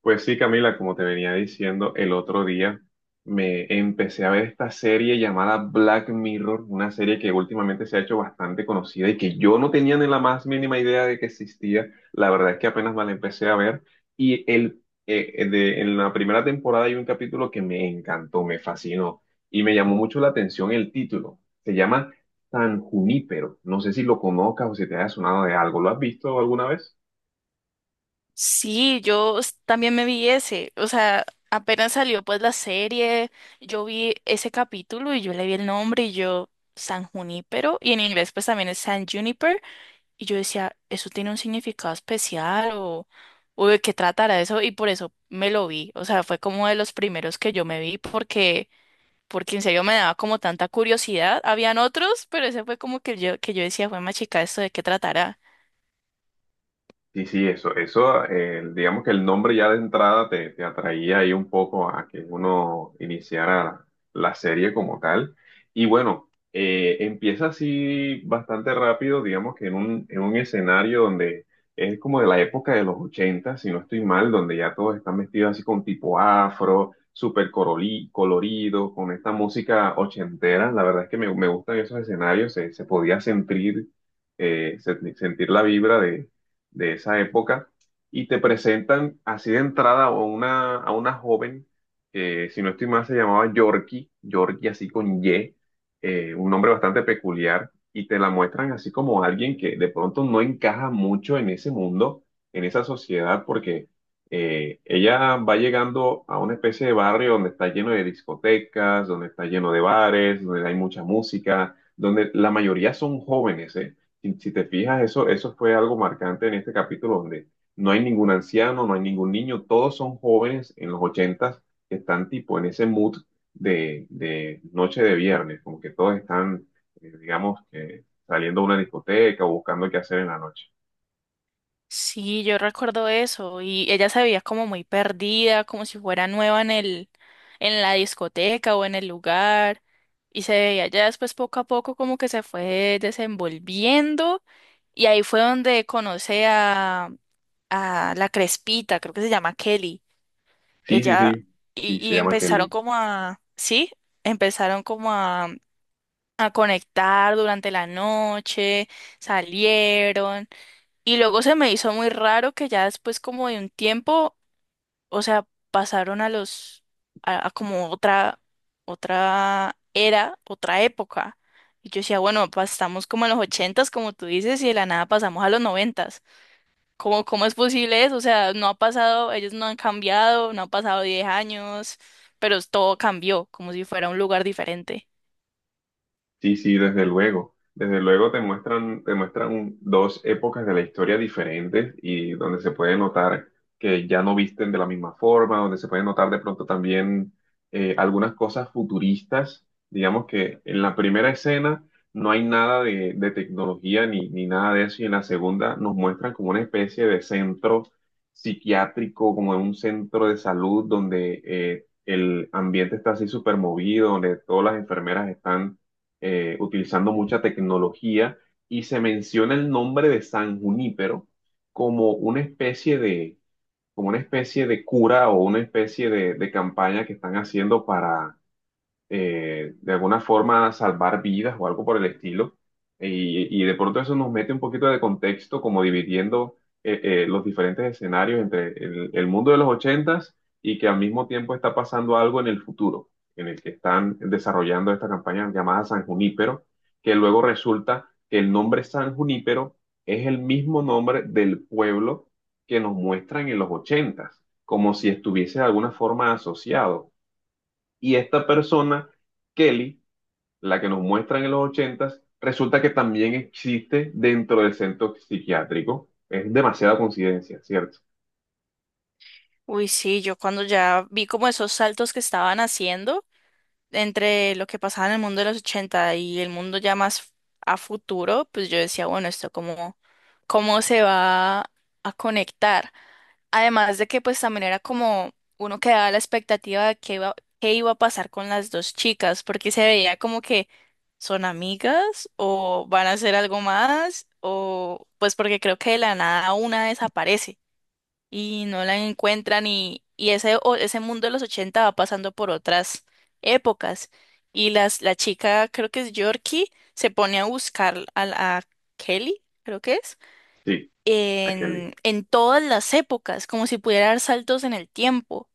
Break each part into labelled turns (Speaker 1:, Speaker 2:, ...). Speaker 1: Pues sí, Camila, como te venía diciendo el otro día, me empecé a ver esta serie llamada Black Mirror, una serie que últimamente se ha hecho bastante conocida y que yo no tenía ni la más mínima idea de que existía. La verdad es que apenas me la empecé a ver y en la primera temporada hay un capítulo que me encantó, me fascinó y me llamó mucho la atención el título. Se llama San Junípero. No sé si lo conozcas o si te haya sonado de algo. ¿Lo has visto alguna vez?
Speaker 2: Sí, yo también me vi ese, o sea, apenas salió pues la serie, yo vi ese capítulo y yo le vi el nombre y yo, San Junípero, y en inglés pues también es San Juniper, y yo decía, ¿eso tiene un significado especial o de qué tratará eso? Y por eso me lo vi, o sea, fue como de los primeros que yo me vi porque en serio me daba como tanta curiosidad, habían otros, pero ese fue como que yo decía, fue más chica, ¿esto de qué tratará?
Speaker 1: Sí, sí, eso, digamos que el nombre ya de entrada te atraía ahí un poco a que uno iniciara la serie como tal. Y bueno, empieza así bastante rápido, digamos que en en un escenario donde es como de la época de los 80, si no estoy mal, donde ya todos están vestidos así con tipo afro, súper colorido, con esta música ochentera. La verdad es que me gustan esos escenarios, se podía sentir, sentir la vibra de esa época y te presentan así de entrada a a una joven que, si no estoy mal, se llamaba Yorkie, Yorkie así con Y, un nombre bastante peculiar, y te la muestran así como alguien que de pronto no encaja mucho en ese mundo, en esa sociedad, porque ella va llegando a una especie de barrio donde está lleno de discotecas, donde está lleno de bares, donde hay mucha música, donde la mayoría son jóvenes, ¿eh? Si te fijas, eso fue algo marcante en este capítulo donde no hay ningún anciano, no hay ningún niño, todos son jóvenes en los ochentas que están tipo en ese mood de noche de viernes, como que todos están, digamos, que saliendo a una discoteca o buscando qué hacer en la noche.
Speaker 2: Sí, yo recuerdo eso y ella se veía como muy perdida, como si fuera nueva en en la discoteca o en el lugar, y se veía ya después poco a poco como que se fue desenvolviendo, y ahí fue donde conoce a la Crespita, creo que se llama Kelly.
Speaker 1: Sí, sí,
Speaker 2: Ella
Speaker 1: sí,
Speaker 2: y,
Speaker 1: sí, se
Speaker 2: y
Speaker 1: llama Kelly.
Speaker 2: sí, empezaron como a conectar durante la noche, salieron. Y luego se me hizo muy raro que ya después como de un tiempo, o sea, pasaron a los, a como otra era, otra época. Y yo decía, bueno, pues estamos como en los ochentas, como tú dices, y de la nada pasamos a los noventas. ¿Cómo es posible eso? O sea, no ha pasado, ellos no han cambiado, no han pasado 10 años, pero todo cambió, como si fuera un lugar diferente.
Speaker 1: Sí, sí, desde luego. Desde luego te muestran dos épocas de la historia diferentes y donde se puede notar que ya no visten de la misma forma, donde se puede notar de pronto también algunas cosas futuristas. Digamos que en la primera escena no hay nada de tecnología ni nada de eso y en la segunda nos muestran como una especie de centro psiquiátrico, como en un centro de salud donde el ambiente está así súper movido, donde todas las enfermeras están utilizando mucha tecnología y se menciona el nombre de San Junípero como una especie de, como una especie de cura o una especie de campaña que están haciendo para de alguna forma salvar vidas o algo por el estilo. Y de pronto eso nos mete un poquito de contexto, como dividiendo los diferentes escenarios entre el mundo de los ochentas y que al mismo tiempo está pasando algo en el futuro, en el que están desarrollando esta campaña llamada San Junípero, que luego resulta que el nombre San Junípero es el mismo nombre del pueblo que nos muestran en los ochentas, como si estuviese de alguna forma asociado. Y esta persona, Kelly, la que nos muestran en los ochentas, resulta que también existe dentro del centro psiquiátrico. Es demasiada coincidencia, ¿cierto?
Speaker 2: Uy, sí, yo cuando ya vi como esos saltos que estaban haciendo entre lo que pasaba en el mundo de los 80 y el mundo ya más a futuro, pues yo decía, bueno, esto cómo se va a conectar. Además de que pues también era como uno quedaba a la expectativa de qué iba a pasar con las dos chicas, porque se veía como que son amigas o van a hacer algo más, o pues porque creo que de la nada una desaparece y no la encuentran y ese mundo de los 80 va pasando por otras épocas y la chica, creo que es Yorkie, se pone a buscar a Kelly, creo que es,
Speaker 1: Sí, a Kelly.
Speaker 2: en todas las épocas, como si pudiera dar saltos en el tiempo.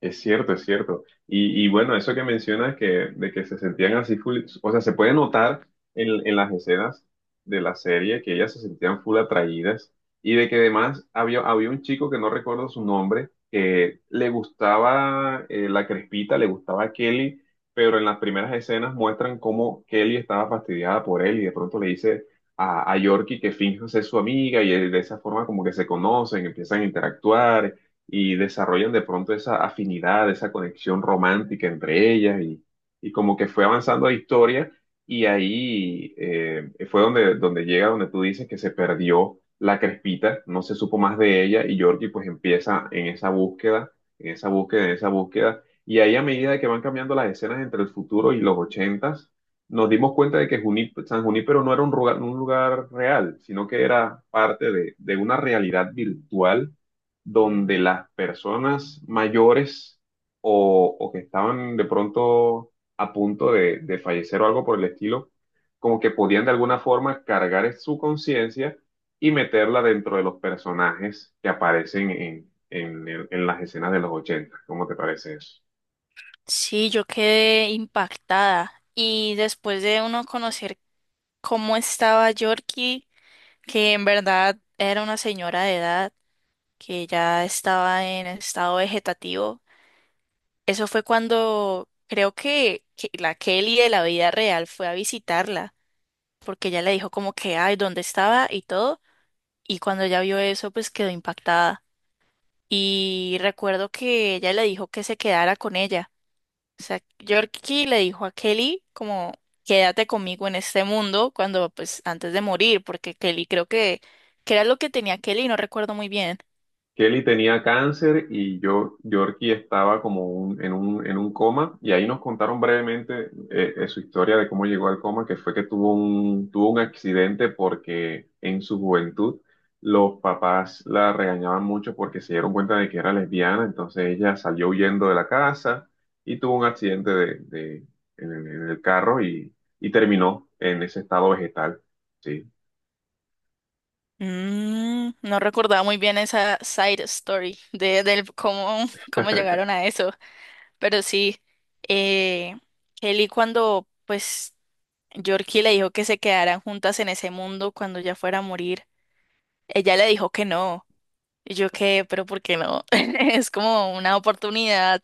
Speaker 1: Es cierto, es cierto. Y bueno, eso que mencionas que, de que se sentían así full, o sea, se puede notar en las escenas de la serie que ellas se sentían full atraídas y de que además había un chico que no recuerdo su nombre, que le gustaba la crespita, le gustaba a Kelly, pero en las primeras escenas muestran cómo Kelly estaba fastidiada por él y de pronto le dice a Yorkie que finja ser su amiga y de esa forma como que se conocen, empiezan a interactuar y desarrollan de pronto esa afinidad, esa conexión romántica entre ellas y como que fue avanzando la historia y ahí fue donde, donde llega, donde tú dices que se perdió la Crespita, no se supo más de ella y Georgie pues empieza en esa búsqueda, en esa búsqueda, en esa búsqueda y ahí a medida de que van cambiando las escenas entre el futuro y los ochentas, nos dimos cuenta de que San Junípero no era un lugar real, sino que era parte de una realidad virtual donde las personas mayores o que estaban de pronto a punto de fallecer o algo por el estilo, como que podían de alguna forma cargar su conciencia y meterla dentro de los personajes que aparecen en las escenas de los ochenta. ¿Cómo te parece eso?
Speaker 2: Sí, yo quedé impactada y después de uno conocer cómo estaba Yorkie, que en verdad era una señora de edad, que ya estaba en estado vegetativo. Eso fue cuando creo que la Kelly de la vida real fue a visitarla, porque ella le dijo como que, ay, ¿dónde estaba? Y todo. Y cuando ella vio eso, pues quedó impactada. Y recuerdo que ella le dijo que se quedara con ella. O sea, Yorkie le dijo a Kelly como, quédate conmigo en este mundo cuando, pues, antes de morir, porque Kelly creo que era lo que tenía Kelly, no recuerdo muy bien.
Speaker 1: Kelly tenía cáncer y yo, Yorkie estaba como en un coma y ahí nos contaron brevemente su historia de cómo llegó al coma, que fue que tuvo tuvo un accidente porque en su juventud los papás la regañaban mucho porque se dieron cuenta de que era lesbiana, entonces ella salió huyendo de la casa y tuvo un accidente en el carro y terminó en ese estado vegetal. Sí.
Speaker 2: Mm, no recordaba muy bien esa side story del cómo llegaron a eso, pero sí, eh, Kelly cuando pues Yorkie le dijo que se quedaran juntas en ese mundo cuando ya fuera a morir, ella le dijo que no, y yo qué, pero ¿por qué no? Es como una oportunidad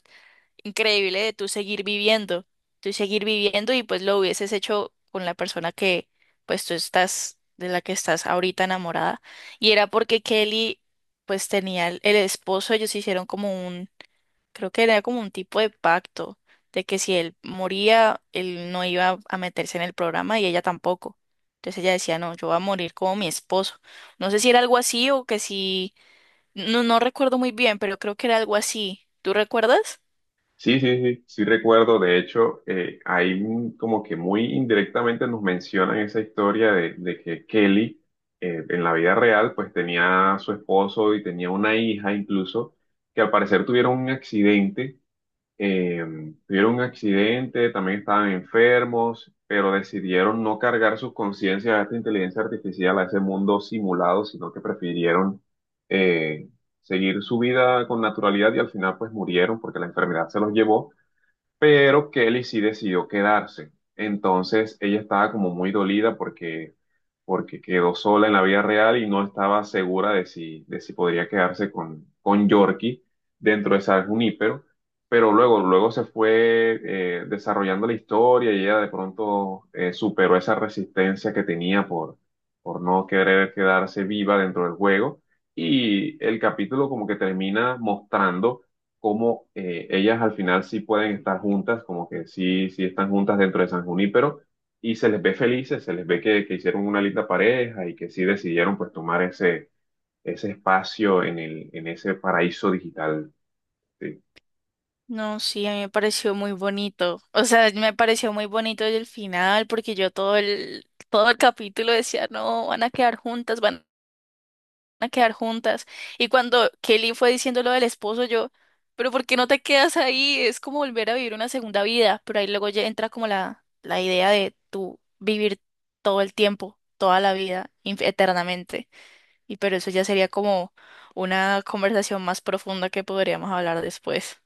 Speaker 2: increíble de tú seguir viviendo y pues lo hubieses hecho con la persona que pues tú estás, de la que estás ahorita enamorada. Y era porque Kelly pues tenía el esposo, ellos creo que era como un tipo de pacto de que si él moría, él no iba a meterse en el programa y ella tampoco. Entonces ella decía, no, yo voy a morir como mi esposo. No sé si era algo así o que si, no, no recuerdo muy bien, pero creo que era algo así. ¿Tú recuerdas?
Speaker 1: Sí, sí, sí, sí recuerdo. De hecho, ahí mm, como que muy indirectamente nos mencionan esa historia de que Kelly en la vida real pues tenía a su esposo y tenía una hija incluso que al parecer tuvieron un accidente eh, también estaban enfermos, pero decidieron no cargar sus conciencias a esta inteligencia artificial, a ese mundo simulado, sino que prefirieron eh, seguir su vida con naturalidad y al final pues murieron porque la enfermedad se los llevó, pero Kelly sí decidió quedarse. Entonces ella estaba como muy dolida porque quedó sola en la vida real y no estaba segura de de si podría quedarse con Yorkie dentro de San Junípero, pero luego, luego se fue desarrollando la historia y ella de pronto superó esa resistencia que tenía por no querer quedarse viva dentro del juego y el capítulo como que termina mostrando cómo ellas al final sí pueden estar juntas, como que sí, sí están juntas dentro de San Junípero y se les ve felices, se les ve que hicieron una linda pareja y que sí decidieron pues tomar ese, ese espacio en el, en ese paraíso digital. Sí.
Speaker 2: No, sí, a mí me pareció muy bonito. O sea, me pareció muy bonito el final porque yo todo el capítulo decía, no, van a quedar juntas, van a quedar juntas. Y cuando Kelly fue diciendo lo del esposo, yo, pero ¿por qué no te quedas ahí? Es como volver a vivir una segunda vida. Pero ahí luego ya entra como la idea de tú vivir todo el tiempo, toda la vida, eternamente. Y pero eso ya sería como una conversación más profunda que podríamos hablar después.